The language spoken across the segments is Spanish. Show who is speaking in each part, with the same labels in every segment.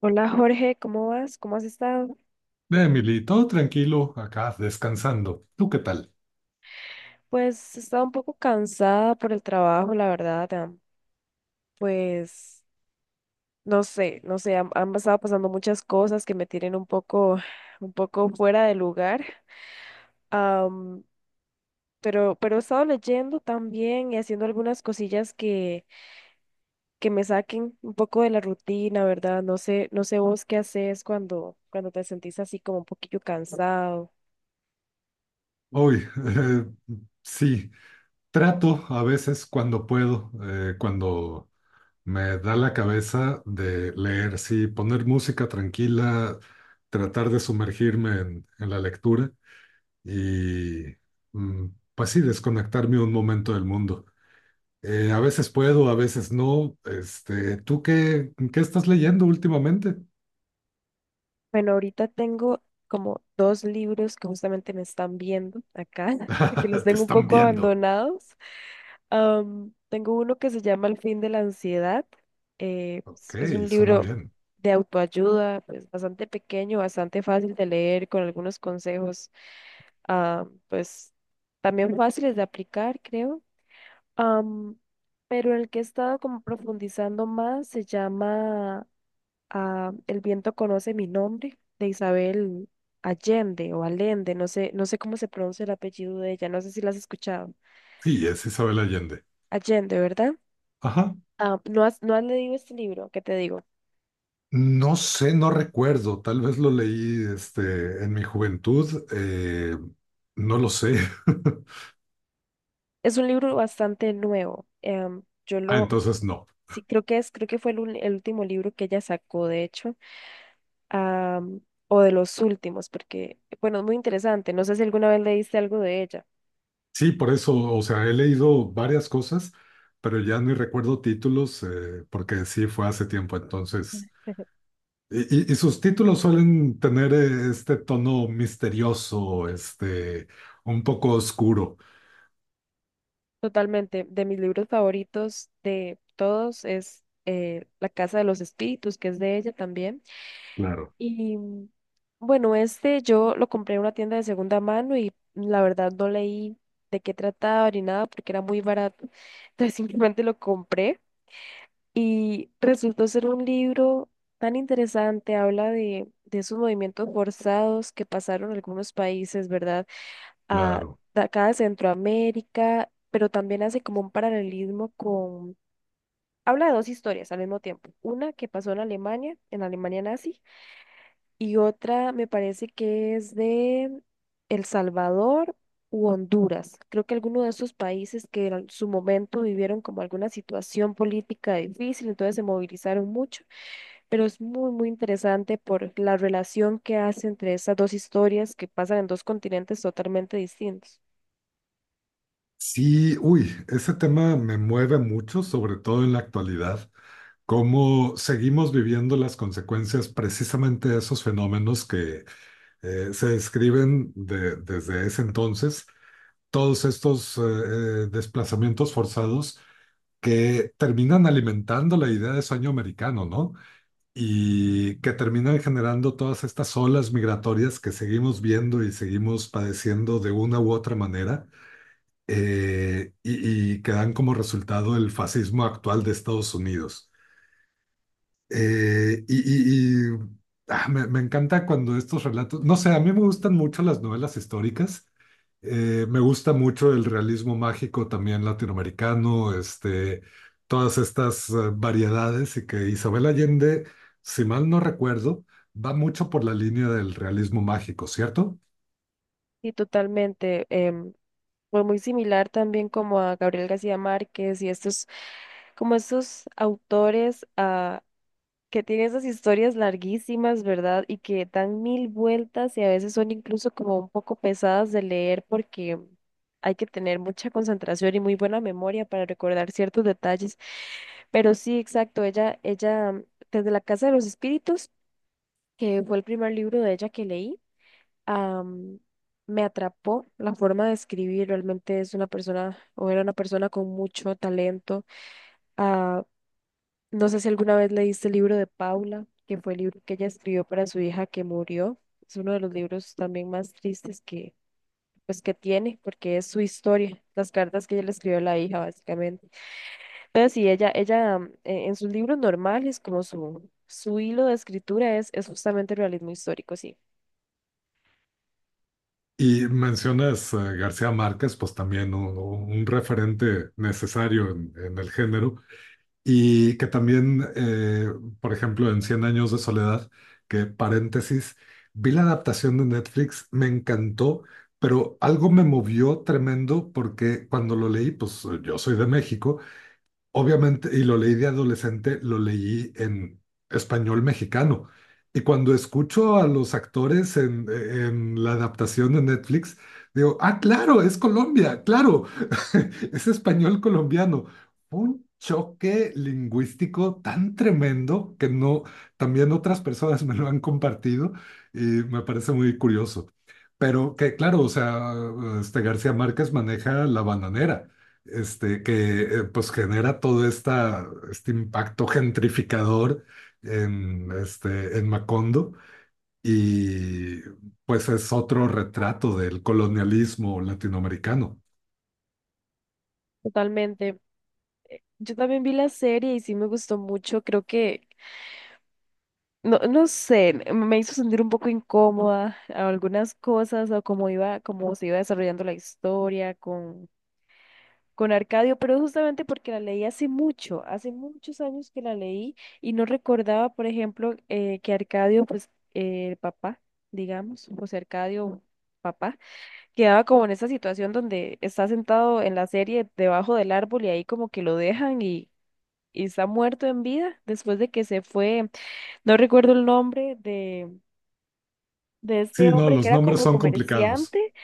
Speaker 1: Hola Jorge, ¿cómo vas? ¿Cómo has estado?
Speaker 2: Emily, todo tranquilo, acá descansando. ¿Tú qué tal?
Speaker 1: Pues he estado un poco cansada por el trabajo, la verdad. Pues no sé, no sé, han estado pasando muchas cosas que me tienen un poco fuera de lugar. am, pero he estado leyendo también y haciendo algunas cosillas que me saquen un poco de la rutina, ¿verdad? No sé, no sé vos qué haces cuando te sentís así como un poquillo cansado.
Speaker 2: Hoy, sí, trato a veces cuando puedo, cuando me da la cabeza de leer, sí, poner música tranquila, tratar de sumergirme en la lectura y, mm, pues sí, desconectarme un momento del mundo. A veces puedo, a veces no. Este, ¿tú qué estás leyendo últimamente?
Speaker 1: Bueno, ahorita tengo como dos libros que justamente me están viendo acá, que los
Speaker 2: Te
Speaker 1: tengo un
Speaker 2: están
Speaker 1: poco
Speaker 2: viendo.
Speaker 1: abandonados. Tengo uno que se llama El fin de la ansiedad. eh, es,
Speaker 2: Ok,
Speaker 1: es un
Speaker 2: suena
Speaker 1: libro
Speaker 2: bien.
Speaker 1: de autoayuda, pues bastante pequeño, bastante fácil de leer, con algunos consejos, pues también fáciles de aplicar, creo. Am, pero el que he estado como profundizando más se llama a El viento conoce mi nombre, de Isabel Allende o Allende, no sé, no sé cómo se pronuncia el apellido de ella, no sé si la has escuchado.
Speaker 2: Sí, es Isabel Allende.
Speaker 1: Allende, ¿verdad?
Speaker 2: Ajá.
Speaker 1: Ah, ¿no has leído este libro? ¿Qué te digo?
Speaker 2: No sé, no recuerdo. Tal vez lo leí en mi juventud. No lo sé.
Speaker 1: Es un libro bastante nuevo.
Speaker 2: Ah, entonces no.
Speaker 1: Sí, creo que fue el último libro que ella sacó, de hecho, am, o de los últimos, porque, bueno, es muy interesante. No sé si alguna vez leíste algo de ella.
Speaker 2: Sí, por eso, o sea, he leído varias cosas, pero ya ni recuerdo títulos, porque sí fue hace tiempo, entonces. Y, y sus títulos suelen tener este tono misterioso, un poco oscuro.
Speaker 1: Totalmente. De mis libros favoritos de todos es La Casa de los Espíritus, que es de ella también.
Speaker 2: Claro,
Speaker 1: Y bueno, este yo lo compré en una tienda de segunda mano y la verdad no leí de qué trataba ni nada porque era muy barato. Entonces simplemente lo compré y resultó ser un libro tan interesante. Habla de esos movimientos forzados que pasaron en algunos países, ¿verdad? a,
Speaker 2: claro.
Speaker 1: de acá de Centroamérica, pero también hace como un paralelismo con... Habla de dos historias al mismo tiempo. Una que pasó en Alemania, en la Alemania nazi, y otra me parece que es de El Salvador u Honduras. Creo que alguno de esos países que en su momento vivieron como alguna situación política difícil, entonces se movilizaron mucho, pero es muy, muy interesante por la relación que hace entre esas dos historias que pasan en dos continentes totalmente distintos.
Speaker 2: Sí, uy, ese tema me mueve mucho, sobre todo en la actualidad, cómo seguimos viviendo las consecuencias precisamente de esos fenómenos que se describen desde ese entonces, todos estos desplazamientos forzados que terminan alimentando la idea de sueño americano, ¿no? Y que terminan generando todas estas olas migratorias que seguimos viendo y seguimos padeciendo de una u otra manera y que dan como resultado el fascismo actual de Estados Unidos. Eh, y y- y, me encanta cuando estos relatos, no sé, a mí me gustan mucho las novelas históricas, me gusta mucho el realismo mágico también latinoamericano, todas estas variedades y que Isabel Allende, si mal no recuerdo, va mucho por la línea del realismo mágico, ¿cierto?
Speaker 1: Sí, totalmente. Fue muy similar también como a Gabriel García Márquez y estos, como estos autores que tienen esas historias larguísimas, ¿verdad? Y que dan mil vueltas y a veces son incluso como un poco pesadas de leer porque hay que tener mucha concentración y muy buena memoria para recordar ciertos detalles. Pero sí, exacto, desde La Casa de los Espíritus, que fue el primer libro de ella que leí, am, me atrapó la forma de escribir. Realmente es una persona o era una persona con mucho talento. Ah, no sé si alguna vez leíste el libro de Paula, que fue el libro que ella escribió para su hija que murió. Es uno de los libros también más tristes que, pues, que tiene, porque es su historia, las cartas que ella le escribió a la hija, básicamente. Entonces, sí, ella, en sus libros normales, como su hilo de escritura es justamente el realismo histórico, sí.
Speaker 2: Y mencionas a García Márquez, pues también un referente necesario en el género, y que también, por ejemplo, en Cien años de soledad, que paréntesis, vi la adaptación de Netflix, me encantó, pero algo me movió tremendo porque cuando lo leí, pues yo soy de México, obviamente, y lo leí de adolescente, lo leí en español mexicano. Y cuando escucho a los actores en la adaptación de Netflix, digo, ah, claro, es Colombia, claro, es español colombiano. Fue un choque lingüístico tan tremendo que no, también otras personas me lo han compartido y me parece muy curioso. Pero que, claro, o sea, García Márquez maneja la bananera, que pues genera este impacto gentrificador en, en Macondo y pues es otro retrato del colonialismo latinoamericano.
Speaker 1: Totalmente. Yo también vi la serie y sí me gustó mucho. Creo que, no, no sé, me hizo sentir un poco incómoda a algunas cosas o cómo iba, cómo se iba desarrollando la historia con Arcadio, pero justamente porque la leí hace mucho, hace muchos años que la leí y no recordaba, por ejemplo, que Arcadio, pues, el papá, digamos, José Arcadio, papá, quedaba como en esa situación donde está sentado en la serie debajo del árbol y ahí como que lo dejan, y está muerto en vida después de que se fue, no recuerdo el nombre de este
Speaker 2: Sí, no,
Speaker 1: hombre que
Speaker 2: los
Speaker 1: era
Speaker 2: nombres
Speaker 1: como
Speaker 2: son complicados.
Speaker 1: comerciante,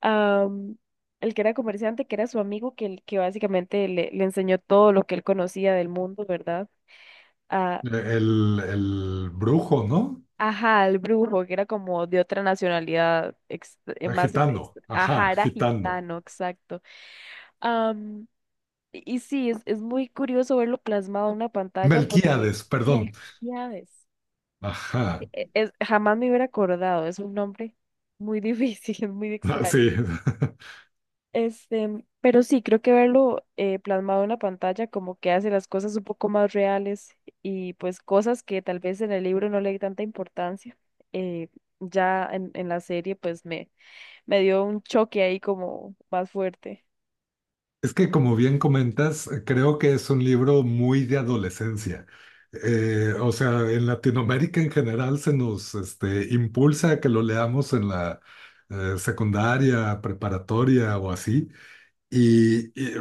Speaker 1: am, el que era comerciante, que era su amigo, que básicamente le enseñó todo lo que él conocía del mundo, ¿verdad? A,
Speaker 2: Eh, el brujo, ¿no?
Speaker 1: ajá, al brujo, que era como de otra nacionalidad,
Speaker 2: Gitano, ajá,
Speaker 1: ajá, era
Speaker 2: gitano.
Speaker 1: gitano, exacto. Am, y sí, es muy curioso verlo plasmado en una pantalla porque...
Speaker 2: Melquíades, perdón.
Speaker 1: Melquíades.
Speaker 2: Ajá.
Speaker 1: Jamás me hubiera acordado, es un nombre muy difícil, muy
Speaker 2: Ah,
Speaker 1: extraño.
Speaker 2: sí.
Speaker 1: Este, pero sí, creo que verlo plasmado en la pantalla como que hace las cosas un poco más reales y pues cosas que tal vez en el libro no le di tanta importancia. eh, ya en la serie pues me dio un choque ahí como más fuerte.
Speaker 2: Es que como bien comentas, creo que es un libro muy de adolescencia. O sea, en Latinoamérica en general se nos impulsa a que lo leamos en la secundaria, preparatoria o así. Y, y, eh,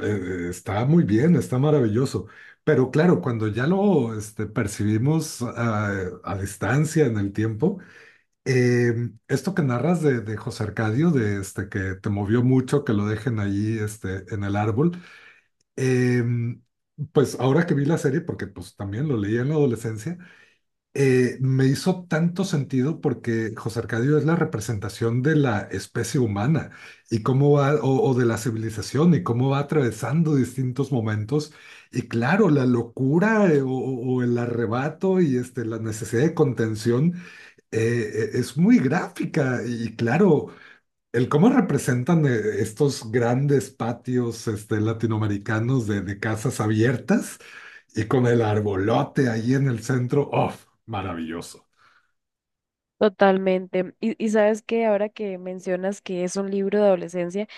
Speaker 2: Está muy bien, está maravilloso. Pero claro, cuando ya lo percibimos a distancia en el tiempo, eh, esto que narras de José Arcadio, de este que te movió mucho, que lo dejen ahí en el árbol, eh, pues ahora que vi la serie, porque pues también lo leí en la adolescencia, me hizo tanto sentido porque José Arcadio es la representación de la especie humana y cómo va, o de la civilización y cómo va atravesando distintos momentos. Y claro, la locura o el arrebato y la necesidad de contención es muy gráfica y claro, el cómo representan estos grandes patios latinoamericanos de casas abiertas y con el arbolote ahí en el centro, ¡oh! Maravilloso.
Speaker 1: Totalmente. Y sabes que ahora que mencionas que es un libro de adolescencia,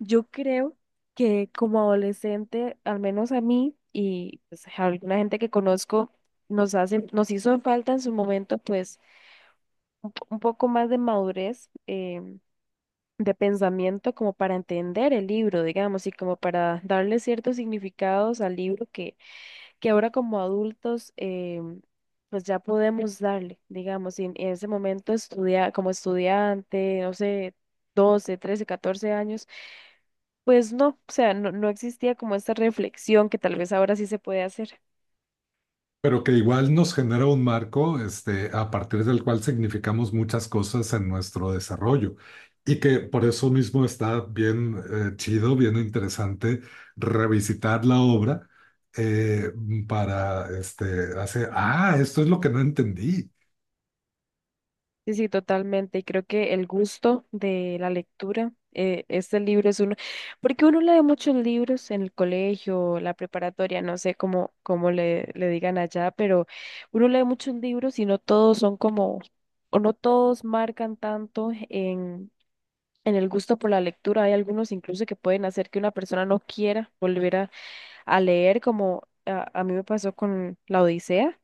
Speaker 1: yo creo que como adolescente, al menos a mí y pues, a alguna gente que conozco, nos hizo falta en su momento pues un poco más de madurez de pensamiento como para entender el libro, digamos, y como para darle ciertos significados al libro que ahora como adultos pues ya podemos darle, digamos, y en ese momento como estudiante, no sé, 12, 13, 14 años, pues no, o sea, no existía como esta reflexión que tal vez ahora sí se puede hacer.
Speaker 2: Pero que igual nos genera un marco, a partir del cual significamos muchas cosas en nuestro desarrollo. Y que por eso mismo está bien chido, bien interesante revisitar la obra eh, para hacer, ah, esto es lo que no entendí.
Speaker 1: Sí, sí, totalmente. Y creo que el gusto de la lectura, este libro es uno, porque uno lee muchos libros en el colegio, la preparatoria, no sé cómo le digan allá, pero uno lee muchos libros y no todos son como, o no todos marcan tanto en el gusto por la lectura. Hay algunos incluso que pueden hacer que una persona no quiera volver a leer, como a mí me pasó con La Odisea.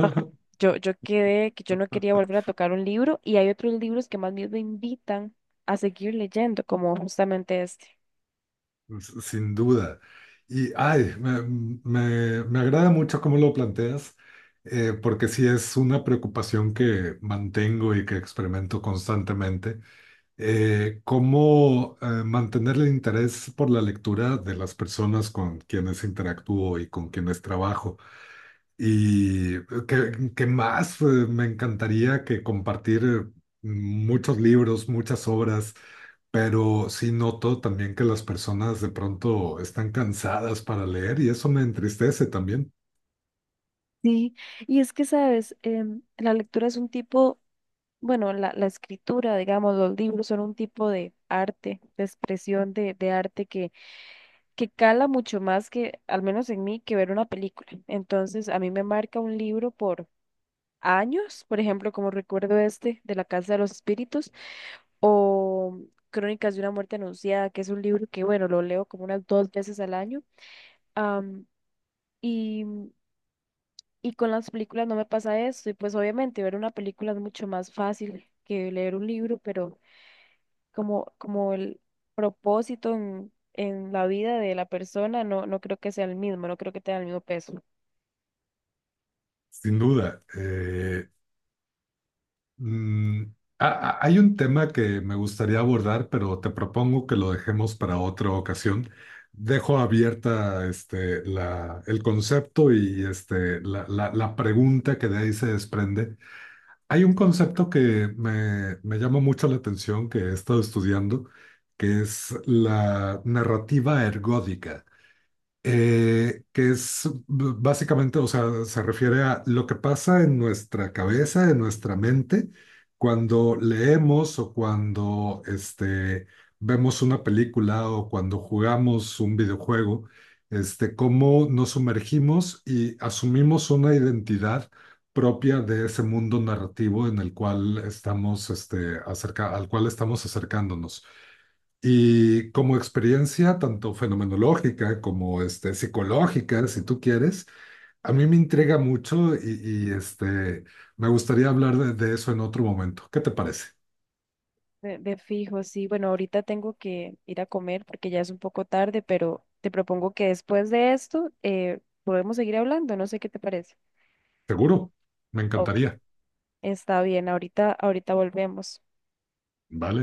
Speaker 1: Ajá. Yo quedé que yo no quería volver a tocar un libro, y hay otros libros que más bien me invitan a seguir leyendo, como justamente este.
Speaker 2: S- Sin duda. Y, ay, me agrada mucho cómo lo planteas, porque sí es una preocupación que mantengo y que experimento constantemente cómo mantener el interés por la lectura de las personas con quienes interactúo y con quienes trabajo. Y que más, me encantaría que compartir muchos libros, muchas obras, pero sí noto también que las personas de pronto están cansadas para leer y eso me entristece también,
Speaker 1: Sí, y es que, sabes, la lectura es un tipo, bueno, la escritura, digamos, los libros son un tipo de arte, de expresión de arte que cala mucho más que, al menos en mí, que ver una película. Entonces, a mí me marca un libro años, por ejemplo, como recuerdo este de La Casa de los Espíritus, o Crónicas de una muerte anunciada, que es un libro que, bueno, lo leo como unas dos veces al año. am, y, y con las películas no me pasa esto, y pues obviamente ver una película es mucho más fácil que leer un libro, pero como el propósito en la vida de la persona, no, no creo que sea el mismo, no creo que tenga el mismo peso.
Speaker 2: sin duda. Mm, hay un tema que me gustaría abordar, pero te propongo que lo dejemos para otra ocasión. Dejo abierta el concepto y la pregunta que de ahí se desprende. Hay un concepto que me llama mucho la atención, que he estado estudiando, que es la narrativa ergódica que es básicamente, o sea, se refiere a lo que pasa en nuestra cabeza, en nuestra mente, cuando leemos o cuando vemos una película o cuando jugamos un videojuego, cómo nos sumergimos y asumimos una identidad propia de ese mundo narrativo en el cual estamos, al cual estamos acercándonos. Y como experiencia tanto fenomenológica como psicológica, si tú quieres, a mí me intriga mucho y me gustaría hablar de eso en otro momento. ¿Qué te parece?
Speaker 1: De fijo, sí. Bueno, ahorita tengo que ir a comer porque ya es un poco tarde, pero te propongo que después de esto podemos seguir hablando. No sé qué te parece.
Speaker 2: Seguro, me
Speaker 1: Ok.
Speaker 2: encantaría.
Speaker 1: Está bien, ahorita, ahorita volvemos.
Speaker 2: Vale.